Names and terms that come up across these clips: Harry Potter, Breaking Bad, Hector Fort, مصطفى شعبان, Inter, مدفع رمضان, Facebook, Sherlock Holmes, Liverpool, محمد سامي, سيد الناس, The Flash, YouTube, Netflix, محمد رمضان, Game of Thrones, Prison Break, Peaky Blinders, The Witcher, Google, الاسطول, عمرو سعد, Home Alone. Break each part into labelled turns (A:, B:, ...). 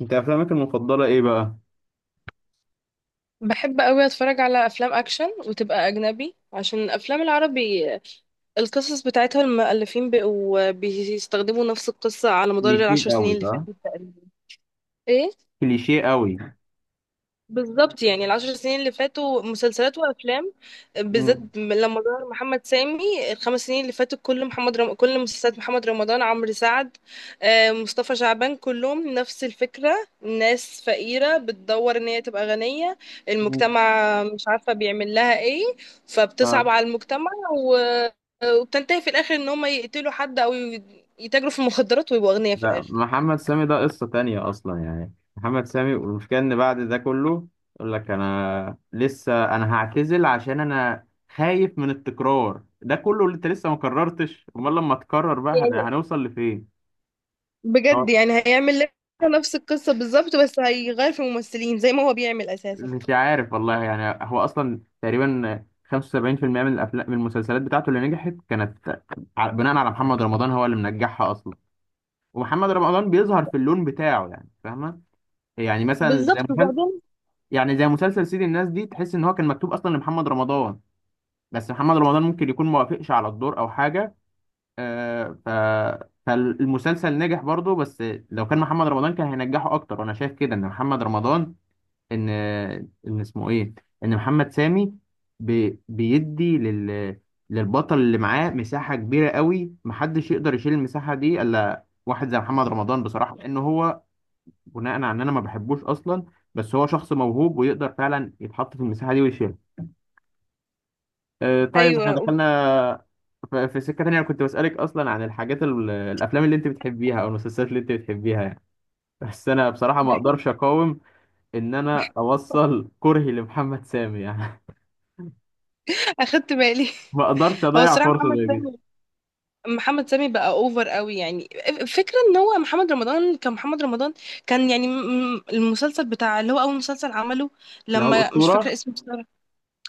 A: انت افلامك المفضله ايه بقى؟
B: بحب قوي اتفرج على افلام اكشن وتبقى اجنبي، عشان الافلام العربي القصص بتاعتها المؤلفين بقوا بيستخدموا نفس القصة على مدار
A: كليشيه
B: العشر
A: قوي،
B: سنين اللي
A: صح؟
B: فاتت تقريبا. ايه.
A: كليشيه قوي.
B: بالظبط، يعني الـ10 سنين اللي فاتوا مسلسلات وافلام، بالذات
A: مم.
B: لما ظهر محمد سامي الـ5 سنين اللي فاتوا، كل مسلسلات محمد رمضان، عمرو سعد، آه، مصطفى شعبان، كلهم نفس الفكرة. ناس فقيرة بتدور ان هي تبقى غنية.
A: مم.
B: المجتمع مش عارفة بيعمل لها ايه، فبتصعب
A: اه،
B: على المجتمع، و... وبتنتهي في الاخر ان هم يقتلوا حد، او يتاجروا في المخدرات ويبقوا اغنياء في
A: لا،
B: الاخر.
A: محمد سامي ده قصه تانية اصلا. يعني محمد سامي، والمشكله ان بعد ده كله يقول لك انا لسه، انا هعتزل عشان انا خايف من التكرار ده كله اللي انت لسه ما كررتش. امال لما تكرر بقى هنوصل لفين؟ اه،
B: بجد، يعني هيعمل لنا نفس القصة بالظبط، بس هيغير في الممثلين زي ما هو بيعمل أساسا.
A: مش عارف والله. يعني هو اصلا تقريبا 75% من الافلام، من المسلسلات بتاعته اللي نجحت كانت بناء على محمد رمضان، هو اللي منجحها اصلا. ومحمد رمضان بيظهر في اللون بتاعه، يعني فاهمه. يعني مثلا زي
B: بالظبط
A: مسلسل،
B: وبعدين.
A: يعني زي مسلسل سيد الناس دي، تحس ان هو كان مكتوب اصلا لمحمد رمضان، بس محمد رمضان ممكن يكون ما وافقش على الدور او حاجه. آه ف فالمسلسل نجح برضه، بس لو كان محمد رمضان كان هينجحه اكتر. وانا شايف كده ان محمد رمضان، ان، ان اسمه ايه، ان محمد سامي بيدي للبطل اللي معاه مساحه كبيره قوي، محدش يقدر يشيل المساحه دي الا واحد زي محمد رمضان بصراحه، لان هو، بناء على ان انا ما بحبوش اصلا، بس هو شخص موهوب ويقدر فعلا يتحط في المساحه دي ويشيلها. آه، طيب احنا
B: أيوه.
A: دخلنا في سكه تانية. انا كنت بسالك اصلا عن الحاجات، الافلام اللي انت بتحبيها او المسلسلات اللي انت بتحبيها يعني، بس انا بصراحه ما
B: بحس-
A: اقدرش اقاوم ان انا اوصل كرهي لمحمد سامي يعني.
B: أخدت بالي.
A: ما اقدرش
B: هو
A: اضيع
B: الصراحة
A: فرصه
B: محمد
A: زي دي.
B: سامي محمد سامي بقى أوفر قوي، يعني فكرة إن هو محمد رمضان كان يعني المسلسل بتاع اللي هو أول مسلسل عمله،
A: اللي هو
B: لما مش فاكرة
A: الاسطوره.
B: اسمه بصراحة.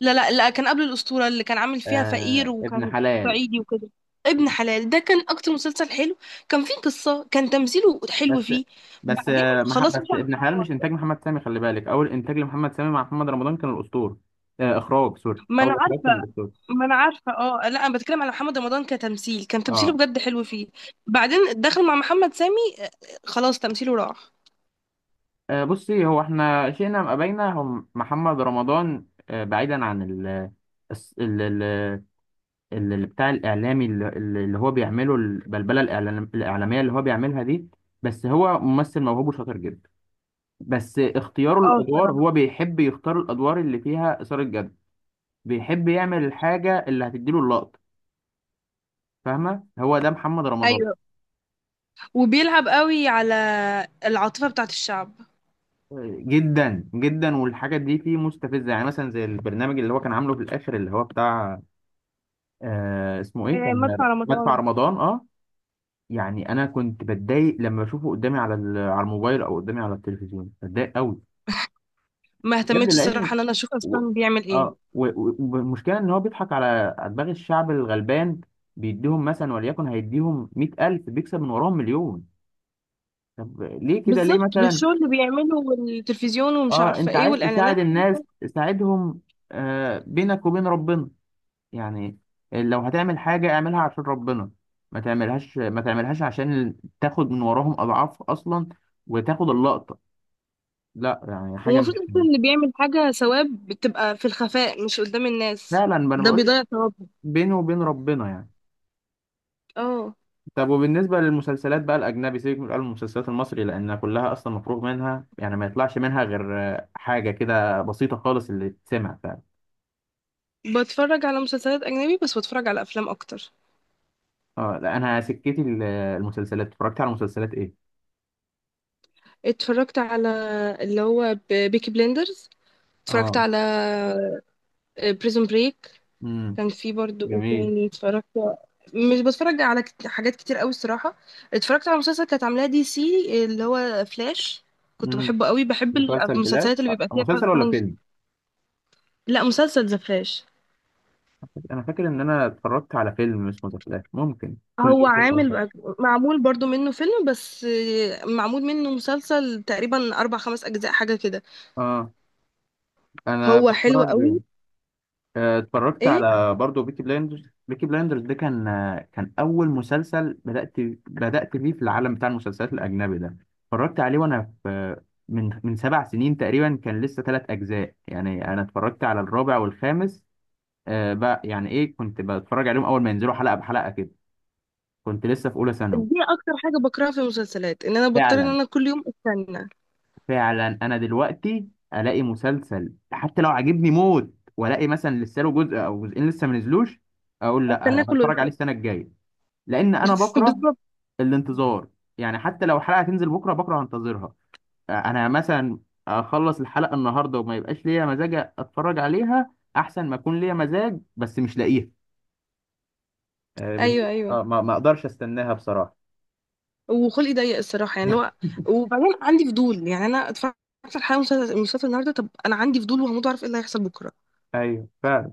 B: لا، لا، لا، كان قبل الأسطورة اللي كان عامل فيها فقير
A: آه، ابن
B: وكان
A: حلال.
B: صعيدي وكده. ابن حلال ده كان أكتر مسلسل حلو، كان فيه قصة، كان تمثيله حلو
A: بس،
B: فيه.
A: بس،
B: بعدين خلاص مش
A: بس
B: على
A: ابن حلال مش
B: الأسطورة.
A: انتاج محمد سامي، خلي بالك. اول انتاج لمحمد سامي مع محمد رمضان كان الاسطول. آه، اخراج سوري،
B: ما أنا
A: اول اخراج كان
B: عارفة
A: الاسطول.
B: ما أنا عارفة. اه، لا، أنا بتكلم على محمد رمضان كتمثيل، كان تمثيله
A: اه.
B: بجد حلو فيه. بعدين دخل مع محمد سامي، خلاص تمثيله راح.
A: آه، بصي، هو احنا شئنا ام ابينا هو محمد رمضان. آه، بعيدا عن ال الس- ال ال ال- ال- بتاع الاعلامي، اللي هو بيعمله، البلبله الاعلاميه اللي هو بيعملها دي، بس هو ممثل موهوب وشاطر جدا. بس اختياره
B: اه،
A: الادوار،
B: الصراحة.
A: هو بيحب يختار الادوار اللي فيها اثاره جد، بيحب يعمل الحاجه اللي هتديله اللقطه. فاهمه، هو ده محمد رمضان.
B: ايوه، وبيلعب قوي على العاطفة بتاعت الشعب.
A: جدا جدا، والحاجات دي فيه مستفزه. يعني مثلا زي البرنامج اللي هو كان عامله في الاخر اللي هو بتاع، آه، اسمه ايه،
B: إيه،
A: كان
B: مدفع
A: مدفع
B: رمضان.
A: رمضان، اه. يعني انا كنت بتضايق لما بشوفه قدامي على على الموبايل او قدامي على التلفزيون، بتضايق قوي
B: ما
A: بجد.
B: اهتمتش
A: لان
B: الصراحة ان انا اشوف
A: و...
B: اصلا بيعمل ايه.
A: والمشكله ان هو بيضحك على دماغ الشعب الغلبان. بيديهم مثلا، وليكن هيديهم 100,000، بيكسب من وراهم مليون. طب ليه كده؟ ليه
B: بالظبط،
A: مثلا؟
B: بالشغل اللي بيعمله والتلفزيون ومش
A: اه،
B: عارفة
A: انت
B: ايه
A: عايز
B: والإعلانات.
A: تساعد الناس، تساعدهم. آه، بينك وبين ربنا يعني. لو هتعمل حاجة اعملها عشان ربنا، ما تعملهاش، ما تعملهاش عشان تاخد من وراهم اضعاف اصلا، وتاخد اللقطة. لا يعني حاجة
B: ومفروض
A: مش،
B: أصلا اللي بيعمل حاجة ثواب بتبقى في الخفاء، مش قدام الناس.
A: فعلا ما انا
B: ده
A: بقول لك،
B: بيضيع ثوابه.
A: بينه وبين ربنا يعني.
B: اه،
A: طب وبالنسبة للمسلسلات بقى الأجنبي، سيبك من المسلسلات المصري لأنها كلها أصلا مفروغ منها يعني، ما يطلعش منها غير آه، حاجة كده بسيطة خالص اللي تسمع فعلا.
B: بتفرج على مسلسلات أجنبي، بس بتفرج على أفلام أكتر.
A: اه، لا، أنا سكتي المسلسلات، اتفرجت على مسلسلات إيه؟
B: اتفرجت على، اللي هو بيكي بليندرز. اتفرجت
A: اه.
B: على بريزون بريك.
A: امم.
B: كان في برضو ايه
A: جميل.
B: تاني اتفرجت. مش بتفرج على حاجات كتير قوي الصراحة. اتفرجت على مسلسل كانت عاملاه DC، اللي هو فلاش. كنت
A: امم.
B: بحبه قوي، بحب
A: مسلسل فلاش،
B: المسلسلات اللي
A: أه،
B: بيبقى فيها فايت
A: مسلسل ولا
B: ساينس.
A: فيلم؟
B: لا، مسلسل ذا فلاش.
A: انا فاكر ان انا اتفرجت على فيلم اسمه ذا فلاش، ممكن كنت
B: هو
A: فيلم أصلاً.
B: عامل. معمول برضو منه فيلم، بس معمول منه مسلسل تقريبا اربع خمس اجزاء حاجة كده.
A: اه، انا
B: هو حلو
A: بتفرج.
B: قوي.
A: آه، اتفرجت
B: ايه.
A: على برضه بيكي بلايندرز. بيكي بلايندرز ده كان، آه، كان اول مسلسل بدات فيه في العالم بتاع المسلسلات الاجنبي ده. اتفرجت عليه وانا في، من 7 سنين تقريبا. كان لسه 3 اجزاء يعني، انا اتفرجت على الرابع والخامس. آه، بقى يعني، ايه، كنت بتفرج عليهم اول ما ينزلوا حلقه بحلقه كده. كنت لسه في اولى ثانوي.
B: دي اكتر حاجة بكرهها في المسلسلات ان انا بضطر ان
A: فعلا.
B: انا كل يوم استنى،
A: فعلا، انا دلوقتي الاقي مسلسل حتى لو عجبني موت والاقي مثلا لسه له جزء او جزئين لسه ما نزلوش، اقول لا،
B: استناه كله
A: هتفرج عليه
B: يخلص.
A: السنه الجايه. لان انا بكره
B: بالظبط.
A: الانتظار. يعني حتى لو حلقه هتنزل بكره، بكره هنتظرها. انا مثلا اخلص الحلقه النهارده وما يبقاش ليا مزاج اتفرج عليها، احسن ما اكون ليا مزاج بس مش لاقيها. آه، بن-
B: ايوه، ايوه،
A: آه، ما اقدرش استناها بصراحه.
B: وخلقي ضيق الصراحه، يعني اللي هو. وبعدين عندي فضول، يعني انا اتفرجت على حلقه مسلسل النهارده. طب انا عندي فضول وهموت اعرف ايه اللي هيحصل بكره.
A: ايوه، فعلا.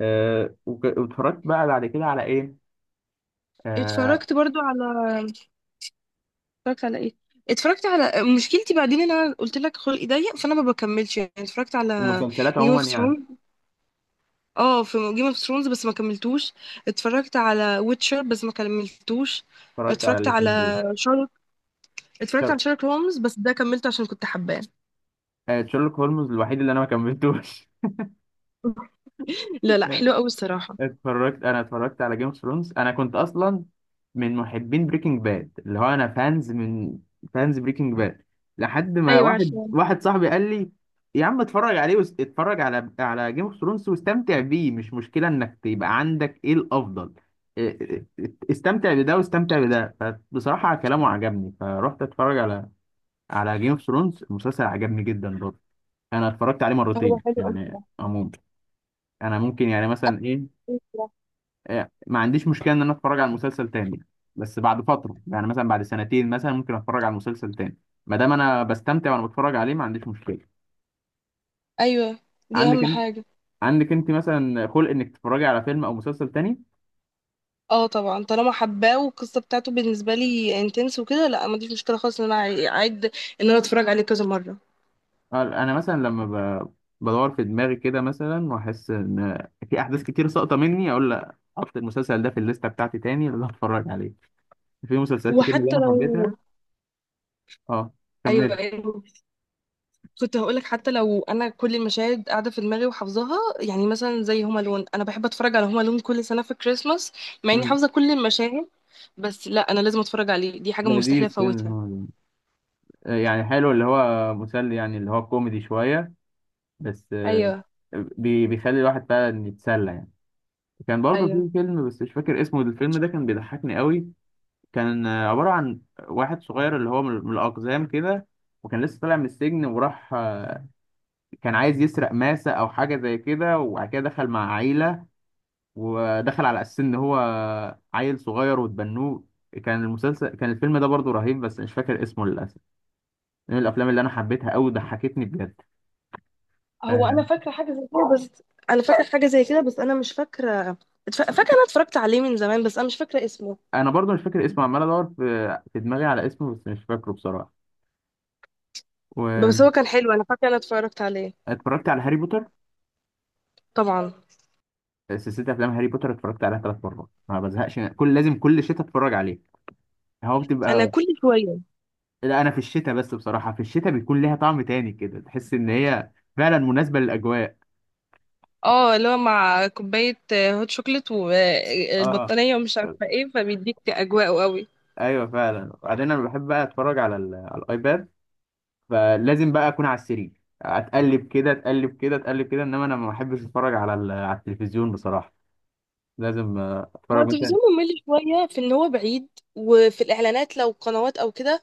A: أه، واتفرجت بقى بعد كده على ايه. آه،
B: اتفرجت برضو على اتفرجت على ايه؟ اتفرجت على مشكلتي بعدين ان انا قلت لك خلقي ضيق، فانا ما بكملش، يعني اتفرجت على
A: المسلسلات
B: جيم
A: عموما
B: اوف
A: يعني.
B: ثرونز. اه، في جيم اوف ثرونز بس ما كملتوش. اتفرجت على ويتشر بس ما كملتوش.
A: اتفرجت على
B: اتفرجت
A: الاثنين دول.
B: على شارلوك اتفرجت
A: شر-
B: على شارلوك هولمز، بس ده كملته عشان كنت حباه.
A: آه، شيرلوك هولمز الوحيد اللي انا ما كملتوش.
B: لا، لا، حلو قوي الصراحه.
A: اتفرجت، انا اتفرجت على جيم اوف ثرونز. انا كنت اصلا من محبين بريكنج باد، اللي هو انا فانز من، فانز بريكنج باد، لحد ما
B: ايوه،
A: واحد
B: عارفه.
A: واحد صاحبي قال لي يا عم اتفرج عليه اتفرج على، على جيم اوف ثرونز واستمتع بيه، مش مشكلة انك تبقى عندك ايه الافضل. إيه- استمتع بده واستمتع بده. فبصراحة كلامه عجبني، فرحت اتفرج على، على جيم اوف ثرونز. المسلسل عجبني جدا برضه، انا اتفرجت عليه
B: هو
A: مرتين
B: حلو قوي
A: يعني عموما. انا ممكن يعني مثلا ايه،
B: الصراحه.
A: إيه، ما عنديش مشكله ان انا اتفرج على المسلسل تاني. بس بعد فتره يعني مثلا بعد سنتين مثلا ممكن اتفرج على المسلسل تاني، ما دام انا بستمتع وانا بتفرج عليه، ما عنديش مشكله.
B: ايوه، دي
A: عندك
B: اهم
A: انت،
B: حاجه.
A: عندك انت مثلا خلق انك تتفرجي على فيلم او مسلسل تاني؟
B: اه، طبعا طالما حباه والقصه بتاعته بالنسبه لي انتنس وكده، لا، ما عنديش مشكله خالص ان انا اعيد ان انا اتفرج عليه كذا مره.
A: آه، انا مثلا لما ب... بدور في دماغي كده مثلا واحس ان في احداث كتير ساقطه مني، اقول لا، احط المسلسل ده في الليسته بتاعتي تاني اللي هتفرج عليه. في مسلسلات كتير من اللي
B: وحتى
A: انا
B: لو
A: حبيتها. اه،
B: ايوه،
A: كملت.
B: أيوة. كنت هقولك، حتى لو انا كل المشاهد قاعده في دماغي وحافظاها، يعني مثلا زي هوم الون، انا بحب اتفرج على هوم الون كل سنه في كريسماس، مع اني
A: مم.
B: حافظه كل المشاهد. بس لا، انا لازم اتفرج عليه، دي حاجه مستحيل
A: لذيذ فيلم
B: افوتها.
A: هو ده. آه، يعني حلو، اللي هو مسلي يعني، اللي هو كوميدي شوية بس. آه،
B: ايوه،
A: بيخلي الواحد فعلا يتسلى يعني. كان برضه
B: ايوه.
A: في فيلم بس مش فاكر اسمه، الفيلم ده كان بيضحكني قوي. كان آه، عبارة عن واحد صغير اللي هو من الأقزام كده، وكان لسه طالع من السجن وراح آه، كان عايز يسرق ماسة أو حاجة زي كده، وبعد كده دخل مع عيلة ودخل على اساس ان هو عيل صغير وتبنوه. كان المسلسل، كان الفيلم ده برضو رهيب بس مش فاكر اسمه للاسف. من الافلام اللي انا حبيتها قوي، ضحكتني بجد.
B: هو انا
A: آه،
B: فاكره حاجه زي كده، بس انا مش فاكره، فاكره انا اتفرجت عليه من زمان، بس انا مش فاكره اسمه.
A: انا برضو مش فاكر اسمه، عمال ادور في دماغي على اسمه بس مش فاكره بصراحه. واتفرجت
B: بس هو كان حلو، انا فاكره انا اتفرجت عليه.
A: على هاري بوتر.
B: طبعا.
A: سلسله افلام هاري بوتر اتفرجت عليها 3 مرات، ما بزهقش كل، لازم كل شتاء اتفرج عليه. هو
B: انا
A: بتبقى،
B: كل شويه.
A: لا، انا في الشتاء بس بصراحه. في الشتاء بيكون ليها طعم تاني كده، تحس ان هي فعلا مناسبه للاجواء.
B: اه، اللي هو مع كوبايه هوت شوكليت
A: اه،
B: والبطانيه ومش عارفه ايه، فبيديك اجواء قوي.
A: ايوه، فعلا. وبعدين انا بحب بقى اتفرج على على الايباد. فلازم بقى اكون على السرير، اتقلب كده اتقلب كده اتقلب كده. انما انا ما بحبش اتفرج على على التلفزيون بصراحه. لازم آه،
B: هو
A: اتفرج مثلا.
B: التلفزيون ممل شوية في ان هو بعيد، وفي الاعلانات لو قنوات او كده.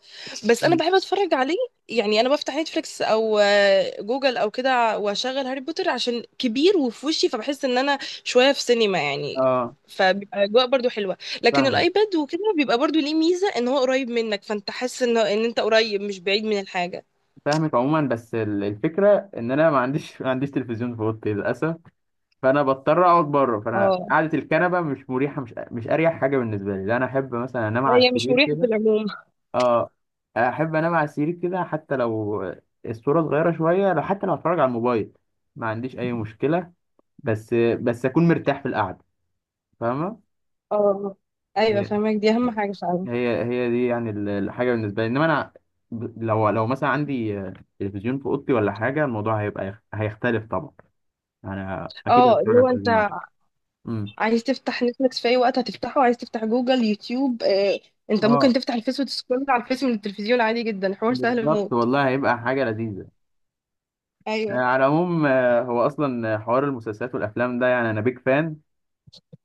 B: بس انا
A: مم.
B: بحب اتفرج عليه. يعني انا بفتح نتفليكس او جوجل او كده، واشغل هاري بوتر عشان كبير وفي وشي، فبحس ان انا شوية في سينما يعني.
A: اه،
B: فبيبقى اجواء برضو حلوة. لكن
A: فاهمك.
B: الايباد وكده بيبقى برضو ليه ميزة، ان هو قريب منك، فانت حاسس ان انت قريب، مش بعيد من الحاجة.
A: فاهمك عموما، بس الفكره ان انا ما عنديش، ما عنديش تلفزيون في اوضتي للاسف. فانا بضطر اقعد بره، فانا
B: اه.
A: قعده الكنبه مش مريحه، مش اريح حاجه بالنسبه لي. لا، انا احب مثلا انام على
B: هي مش
A: السرير
B: مريحة في
A: كده.
B: العموم.
A: اه. احب انام على السرير كده حتى لو الصوره صغيره شويه، لو حتى لو اتفرج على الموبايل ما عنديش اي مشكله، بس اكون مرتاح في القعده. فاهمه.
B: اه، ايوه،
A: هي،
B: فاهمك. دي اهم حاجة فعلا.
A: هي دي يعني الحاجه بالنسبه لي. انما انا، لو مثلا عندي تلفزيون في اوضتي ولا حاجه، الموضوع هيبقى هيختلف طبعا. انا اكيد
B: اه، اللي
A: هتفرج على
B: هو انت
A: التلفزيون. امم.
B: عايز تفتح نتفليكس في اي وقت هتفتحه، عايز تفتح جوجل، يوتيوب، انت ممكن
A: اه،
B: تفتح الفيس وتسكرول على الفيس من التلفزيون عادي جدا، حوار سهل
A: بالظبط
B: موت.
A: والله، هيبقى حاجه لذيذه. آه،
B: ايوه.
A: على العموم، آه، هو اصلا حوار المسلسلات والافلام ده، يعني انا بيك فان.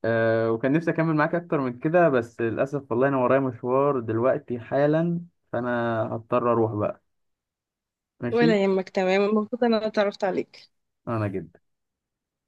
A: أه، وكان نفسي اكمل معاك اكتر من كده بس للاسف والله انا ورايا مشوار دلوقتي حالا، فانا هضطر اروح بقى. ماشي.
B: ولا يهمك. تمام، مبسوطه إن انا اتعرفت عليك.
A: انا جدا.